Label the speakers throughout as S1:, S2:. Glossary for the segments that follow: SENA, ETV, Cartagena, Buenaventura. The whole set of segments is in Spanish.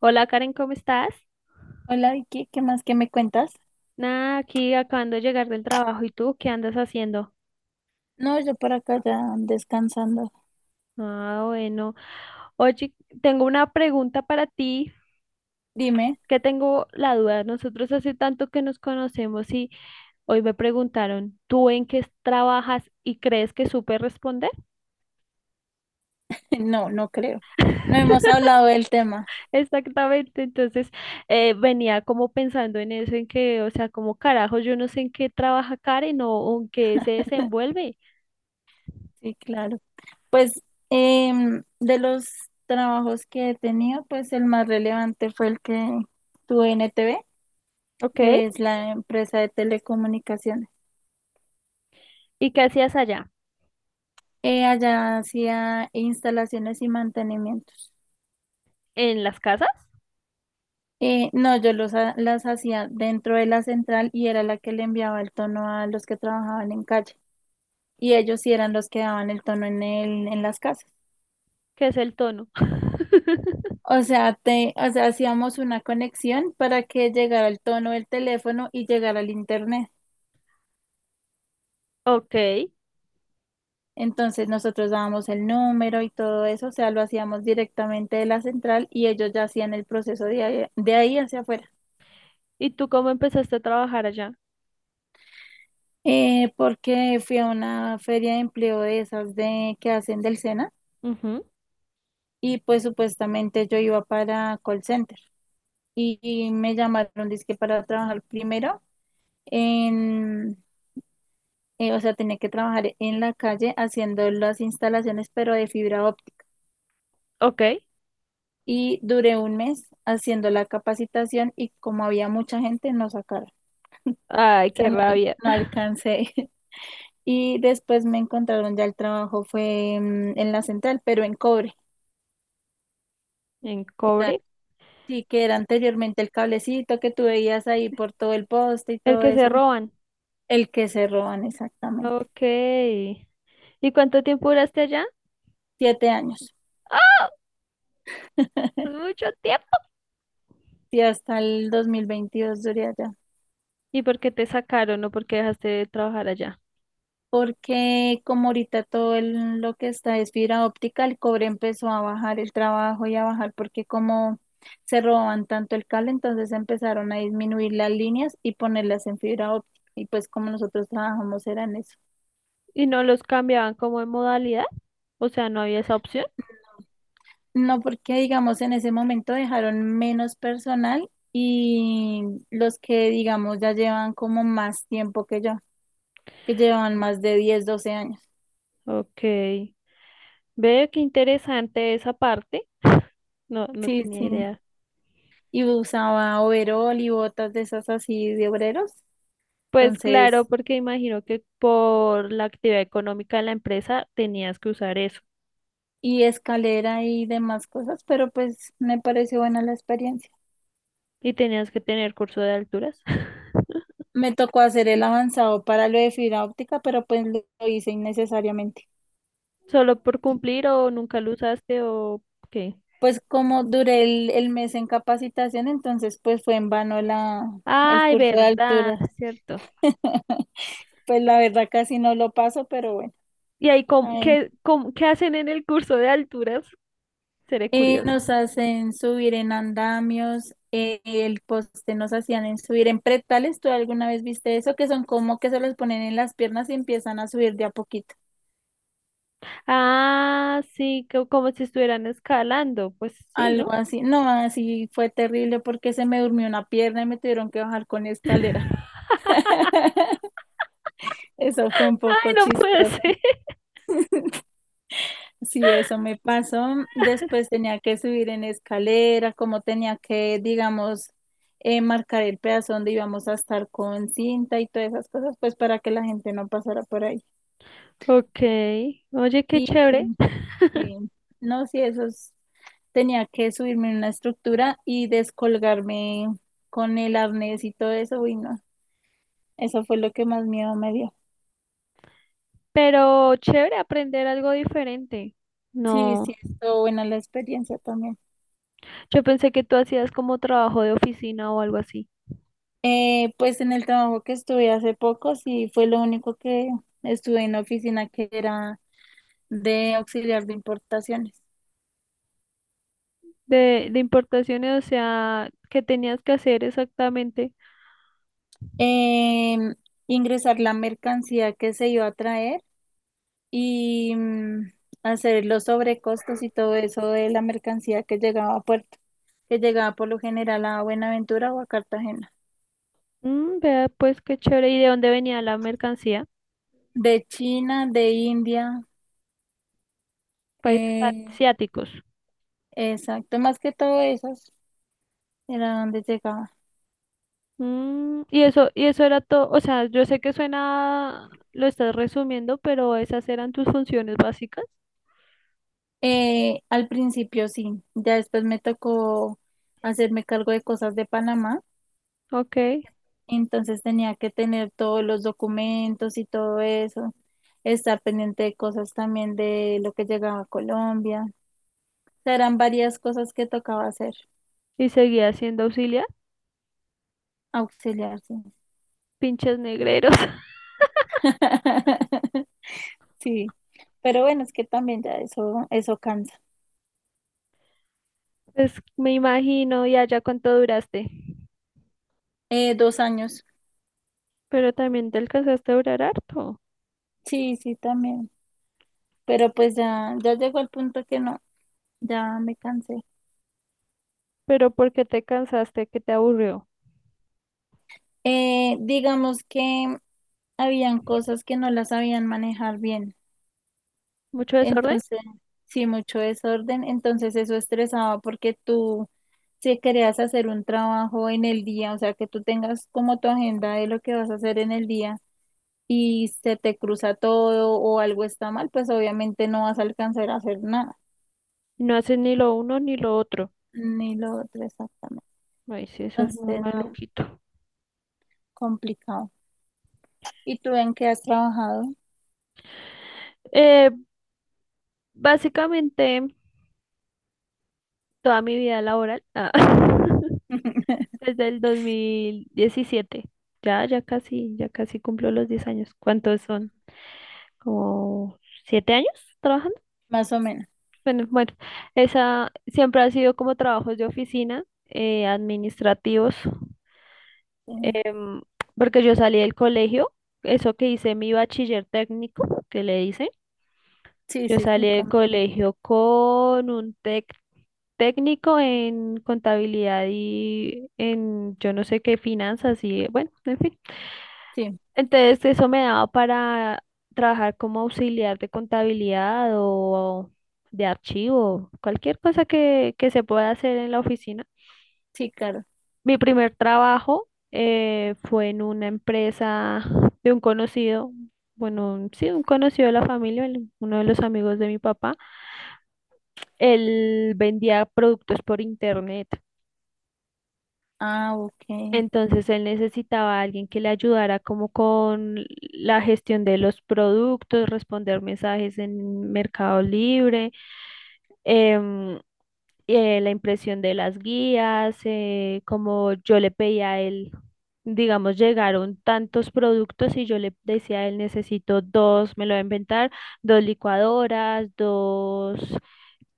S1: Hola Karen, ¿cómo estás?
S2: Hola Vicky, ¿qué más que me cuentas?
S1: Nada, aquí acabando de llegar del trabajo. ¿Y tú qué andas haciendo?
S2: No, yo por acá ya descansando.
S1: Ah, bueno. Oye, tengo una pregunta para ti,
S2: Dime.
S1: que tengo la duda. Nosotros hace tanto que nos conocemos y hoy me preguntaron, ¿tú en qué trabajas y crees que supe responder?
S2: No, no creo. No hemos hablado del tema.
S1: Exactamente. Entonces, venía como pensando en eso, en que, o sea, como carajo, yo no sé en qué trabaja Karen o en qué se desenvuelve.
S2: Sí, claro. Pues de los trabajos que he tenido, pues el más relevante fue el que tuve en ETV,
S1: Ok.
S2: que es la empresa de telecomunicaciones.
S1: ¿Y qué hacías allá?
S2: Allá hacía instalaciones y mantenimientos.
S1: ¿En las casas?
S2: No, yo las hacía dentro de la central y era la que le enviaba el tono a los que trabajaban en calle, y ellos sí eran los que daban el tono en las casas.
S1: ¿Que es el tono?
S2: O sea, o sea, hacíamos una conexión para que llegara el tono del teléfono y llegara al internet.
S1: Ok.
S2: Entonces nosotros dábamos el número y todo eso, o sea, lo hacíamos directamente de la central y ellos ya hacían el proceso de ahí hacia afuera.
S1: ¿Y tú cómo empezaste a trabajar allá?
S2: Porque fui a una feria de empleo de esas de que hacen del SENA,
S1: Ujú.
S2: y pues supuestamente yo iba para call center y me llamaron dizque para trabajar primero en o sea, tenía que trabajar en la calle haciendo las instalaciones, pero de fibra óptica.
S1: Ok.
S2: Y duré un mes haciendo la capacitación y como había mucha gente, no sacaron. O
S1: Ay,
S2: sea,
S1: qué
S2: no,
S1: rabia.
S2: no alcancé. Y después me encontraron ya el trabajo, fue en la central, pero en cobre.
S1: En
S2: que era-
S1: cobre.
S2: sí, que era anteriormente el cablecito que tú veías ahí por todo el poste y
S1: El
S2: todo
S1: que se
S2: eso.
S1: roban.
S2: El que se roban, exactamente.
S1: Ok. ¿Y cuánto tiempo duraste allá?
S2: Siete años.
S1: ¡Ah! Es mucho tiempo.
S2: Y hasta el 2022 duré allá.
S1: ¿Y por qué te sacaron o por qué dejaste de trabajar allá?
S2: Porque como ahorita todo lo que está es fibra óptica, el cobre empezó a bajar el trabajo y a bajar porque como se robaban tanto el cable, entonces empezaron a disminuir las líneas y ponerlas en fibra óptica. Y pues como nosotros trabajamos era en eso.
S1: ¿Y no los cambiaban como de modalidad? O sea, no había esa opción.
S2: No, porque digamos en ese momento dejaron menos personal y los que digamos ya llevan como más tiempo que yo, que llevan más de 10 12 años.
S1: Ok. Veo qué interesante esa parte. No, no
S2: Sí,
S1: tenía
S2: sí.
S1: idea.
S2: Y usaba overol y botas de esas así de obreros.
S1: Pues claro,
S2: Entonces,
S1: porque imagino que por la actividad económica de la empresa tenías que usar eso
S2: y escalera y demás cosas, pero pues me pareció buena la experiencia.
S1: y tenías que tener curso de alturas.
S2: Me tocó hacer el avanzado para lo de fibra óptica, pero pues lo hice innecesariamente.
S1: Solo por cumplir o nunca lo usaste o qué.
S2: Pues como duré el mes en capacitación, entonces pues fue en vano el
S1: Ay,
S2: curso de
S1: verdad,
S2: alturas.
S1: cierto.
S2: Pues la verdad casi no lo paso, pero bueno,
S1: ¿Y ahí
S2: ahí
S1: qué hacen en el curso de alturas? Seré curiosa.
S2: Nos hacen subir en andamios, el poste nos hacían en subir en pretales. ¿Tú alguna vez viste eso? Que son como que se los ponen en las piernas y empiezan a subir de a poquito.
S1: Ah, sí, como si estuvieran escalando. Pues sí,
S2: Algo
S1: ¿no?
S2: así. No, así fue terrible porque se me durmió una pierna y me tuvieron que bajar con escalera. Eso fue un
S1: Ay,
S2: poco
S1: no puede
S2: chistoso.
S1: ser.
S2: Sí, eso me pasó. Después tenía que subir en escalera, como tenía que, digamos, marcar el pedazo donde íbamos a estar con cinta y todas esas cosas, pues para que la gente no pasara por ahí.
S1: Ok. Oye, qué
S2: Y
S1: chévere.
S2: sí, no, sí, tenía que subirme en una estructura y descolgarme con el arnés y todo eso, uy, no, eso fue lo que más miedo me dio.
S1: Pero chévere aprender algo diferente.
S2: Sí, sí,
S1: No,
S2: estuvo buena la experiencia también.
S1: yo pensé que tú hacías como trabajo de oficina o algo así.
S2: Pues en el trabajo que estuve hace poco, sí, fue lo único que estuve en la oficina, que era de auxiliar de importaciones.
S1: De importaciones, o sea, ¿qué tenías que hacer exactamente?
S2: Em, ingresar la mercancía que se iba a traer y hacer los sobrecostos y todo eso de la mercancía que llegaba a puerto, que llegaba por lo general a Buenaventura o a Cartagena.
S1: Mm, vea, pues qué chévere. ¿Y de dónde venía la mercancía?
S2: De China, de India,
S1: Países
S2: eh,
S1: asiáticos.
S2: exacto, más que todo esos era donde llegaba.
S1: Mm, y eso era todo. O sea, yo sé que suena, lo estás resumiendo, pero esas eran tus funciones básicas.
S2: Al principio sí, ya después me tocó hacerme cargo de cosas de Panamá,
S1: Ok.
S2: entonces tenía que tener todos los documentos y todo eso, estar pendiente de cosas también de lo que llegaba a Colombia. Serán varias cosas que tocaba hacer,
S1: Y seguía siendo auxiliar.
S2: auxiliarse.
S1: Pinches negreros.
S2: Sí. Sí, pero bueno, es que también ya eso cansa.
S1: Pues me imagino, y allá cuánto duraste.
S2: 2 años.
S1: Pero también te alcanzaste a durar harto.
S2: Sí, sí, también. Pero pues ya, ya llegó el punto que no, ya me cansé.
S1: Pero ¿por qué te cansaste? ¿Qué te aburrió?
S2: Digamos que habían cosas que no las sabían manejar bien.
S1: ¿Mucho desorden?
S2: Entonces, sí, mucho desorden. Entonces eso estresaba porque tú, si querías hacer un trabajo en el día, o sea, que tú tengas como tu agenda de lo que vas a hacer en el día y se te cruza todo o algo está mal, pues obviamente no vas a alcanzar a hacer nada,
S1: No haces ni lo uno ni lo otro.
S2: ni lo otro exactamente.
S1: Ay, sí, eso es muy
S2: Entonces, no,
S1: maluquito.
S2: complicado. ¿Y tú en qué has trabajado?
S1: Eh, básicamente, toda mi vida laboral, ah, desde el 2017. Ya casi cumplo los 10 años. ¿Cuántos son? ¿Como 7 años?
S2: Más o menos.
S1: Bueno, esa siempre ha sido como trabajos de oficina, administrativos, em, porque yo salí del colegio, eso que hice mi bachiller técnico, que le hice,
S2: Sí,
S1: yo
S2: sí, sí, sí,
S1: salí del
S2: también.
S1: colegio con un técnico en contabilidad y en yo no sé qué finanzas y bueno, en fin.
S2: Sí,
S1: Entonces, eso me daba para trabajar como auxiliar de contabilidad o de archivo, cualquier cosa que se pueda hacer en la oficina.
S2: sí, claro.
S1: Mi primer trabajo fue en una empresa de un conocido, bueno, sí, un conocido de la familia, uno de los amigos de mi papá. Él vendía productos por internet.
S2: Ah, ok,
S1: Entonces él necesitaba a alguien que le ayudara como con la gestión de los productos, responder mensajes en Mercado Libre, em, la impresión de las guías, como yo le pedía a él, digamos, llegaron tantos productos y yo le decía a él, necesito dos, me lo voy a inventar, dos licuadoras, dos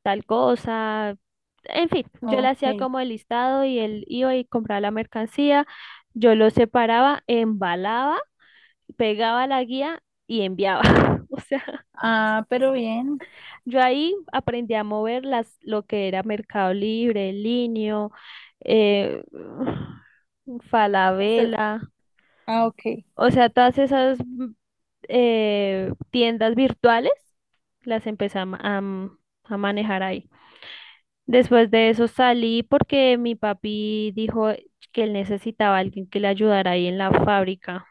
S1: tal cosa. En fin, yo le hacía
S2: ok.
S1: como el listado y él iba y compraba la mercancía, yo lo separaba, embalaba, pegaba la guía y enviaba. O sea,
S2: Ah, pero bien.
S1: yo ahí aprendí a mover las, lo que era Mercado Libre, Linio, eh,
S2: Eso,
S1: Falabella,
S2: ah, ok,
S1: o sea, todas esas tiendas virtuales las empecé a, manejar ahí. Después de eso salí porque mi papi dijo que él necesitaba a alguien que le ayudara ahí en la fábrica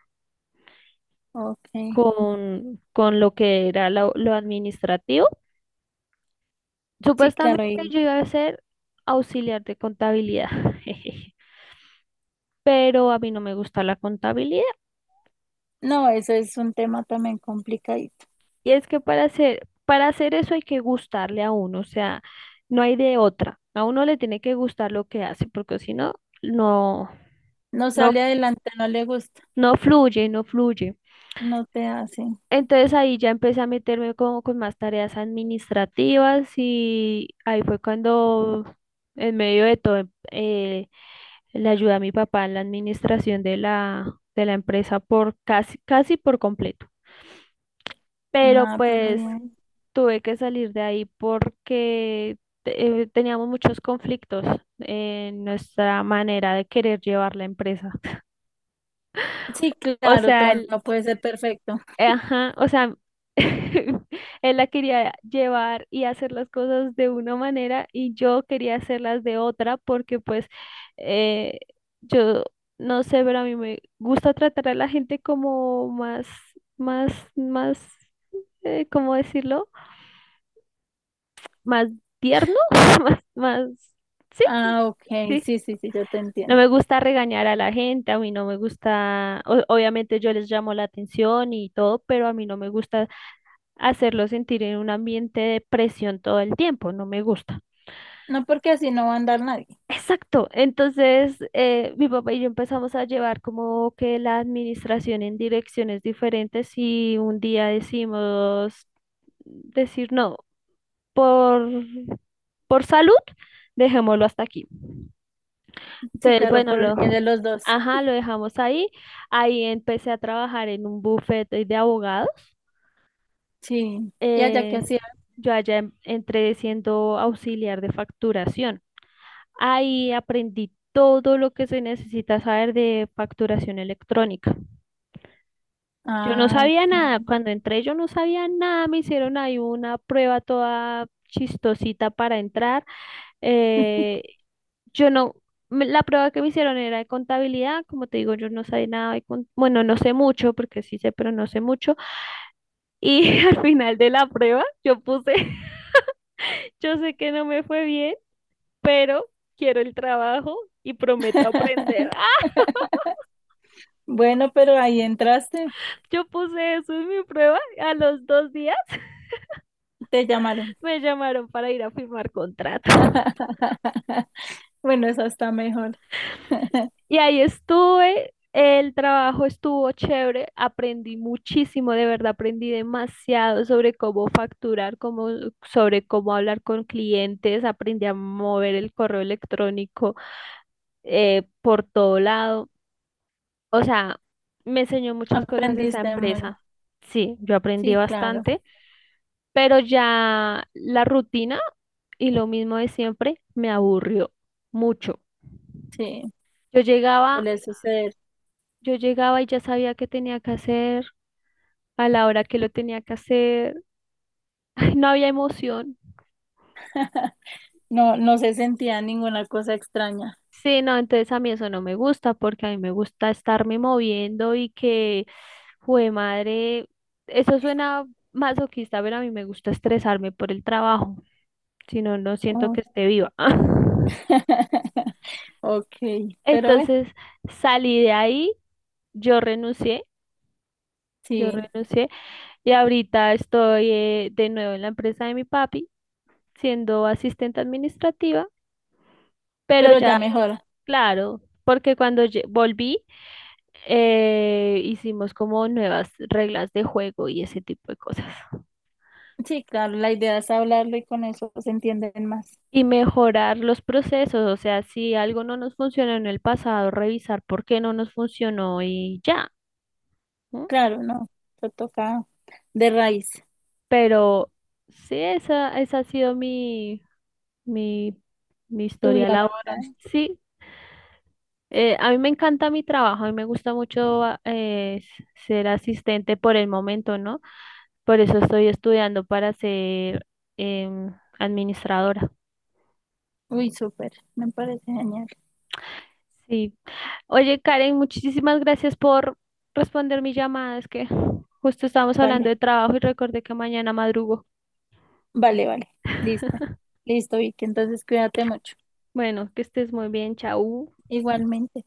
S2: ok.
S1: con lo que era lo administrativo.
S2: Sí,
S1: Supuestamente
S2: claro. Y,
S1: yo iba a ser auxiliar de contabilidad, pero a mí no me gusta la contabilidad.
S2: no, eso es un tema también complicadito.
S1: Y es que para hacer eso hay que gustarle a uno, o sea, no hay de otra. A uno le tiene que gustar lo que hace, porque si no, no,
S2: No
S1: no,
S2: sale adelante, no le gusta,
S1: no fluye, no fluye.
S2: no te hace
S1: Entonces ahí ya empecé a meterme como con más tareas administrativas y ahí fue cuando en medio de todo le ayudé a mi papá en la administración de la empresa por casi por completo. Pero
S2: nada, pero
S1: pues
S2: bien.
S1: tuve que salir de ahí porque teníamos muchos conflictos en nuestra manera de querer llevar la empresa.
S2: Sí,
S1: O
S2: claro,
S1: sea,
S2: todo no puede ser perfecto.
S1: ajá, o sea, él la quería llevar y hacer las cosas de una manera y yo quería hacerlas de otra porque pues eh, yo no sé, pero a mí me gusta tratar a la gente como más, ¿cómo decirlo? Más tierno, más, más, sí,
S2: Ah, ok,
S1: sí.
S2: sí, sí, sí, yo te
S1: No
S2: entiendo.
S1: me gusta regañar a la gente, a mí no me gusta, obviamente yo les llamo la atención y todo, pero a mí no me gusta hacerlo sentir en un ambiente de presión todo el tiempo, no me gusta.
S2: No porque así no va a andar nadie.
S1: Exacto, entonces mi papá y yo empezamos a llevar como que la administración en direcciones diferentes y un día decir no, por, por salud, dejémoslo hasta aquí.
S2: Sí,
S1: Entonces,
S2: claro, por el bien de los dos.
S1: ajá, lo dejamos ahí. Ahí empecé a trabajar en un bufete de abogados.
S2: Sí. ¿Y allá qué
S1: Eh,
S2: hacía?
S1: yo allá entré siendo auxiliar de facturación. Ahí aprendí todo lo que se necesita saber de facturación electrónica. Yo no
S2: Ah, ok.
S1: sabía nada, cuando entré yo no sabía nada, me hicieron ahí una prueba toda chistosita para entrar. Eh, yo no, me- La prueba que me hicieron era de contabilidad, como te digo, yo no sabía nada de bueno, no sé mucho, porque sí sé, pero no sé mucho. Y al final de la prueba yo puse, yo sé que no me fue bien, pero quiero el trabajo y prometo aprender.
S2: Bueno, pero ahí entraste,
S1: Yo puse eso en mi prueba. A los 2 días
S2: te llamaron.
S1: me llamaron para ir a firmar contrato.
S2: Bueno, eso está mejor.
S1: Y ahí estuve. El trabajo estuvo chévere. Aprendí muchísimo, de verdad, aprendí demasiado sobre cómo sobre cómo hablar con clientes. Aprendí a mover el correo electrónico por todo lado. O sea, me enseñó muchas cosas esa
S2: Aprendiste mucho.
S1: empresa. Sí, yo aprendí
S2: Sí, claro,
S1: bastante, pero ya la rutina y lo mismo de siempre me aburrió mucho.
S2: sí,
S1: Yo llegaba,
S2: suele suceder.
S1: yo llegaba y ya sabía qué tenía que hacer, a la hora que lo tenía que hacer. Ay, no había emoción.
S2: No, no se sentía ninguna cosa extraña.
S1: Sí, no, entonces a mí eso no me gusta porque a mí me gusta estarme moviendo y que, jue madre, eso suena masoquista, pero a mí me gusta estresarme por el trabajo. Si no, no siento
S2: Oh.
S1: que esté viva.
S2: Ok, pero bueno,
S1: Entonces salí de ahí, yo renuncié, yo
S2: sí,
S1: renuncié y ahorita estoy de nuevo en la empresa de mi papi, siendo asistente administrativa, pero
S2: pero ya
S1: ya,
S2: mejora.
S1: claro, porque cuando volví hicimos como nuevas reglas de juego y ese tipo de cosas.
S2: Sí, claro, la idea es hablarlo y con eso se entienden más.
S1: Y mejorar los procesos, o sea, si algo no nos funcionó en el pasado, revisar por qué no nos funcionó y ya.
S2: Claro, no, te toca de raíz,
S1: Pero sí, esa ha sido mi, mi
S2: tu
S1: historia
S2: vida laboral.
S1: laboral. Sí, a mí me encanta mi trabajo, a mí me gusta mucho ser asistente por el momento, ¿no? Por eso estoy estudiando para ser em, administradora.
S2: Uy, súper, me parece genial.
S1: Sí. Oye, Karen, muchísimas gracias por responder mi llamada. Es que justo estábamos hablando
S2: Vale,
S1: de trabajo y recordé que mañana madrugo.
S2: vale, vale, lista. Listo, Vicky, entonces cuídate mucho.
S1: Bueno, que estés muy bien, chau.
S2: Igualmente.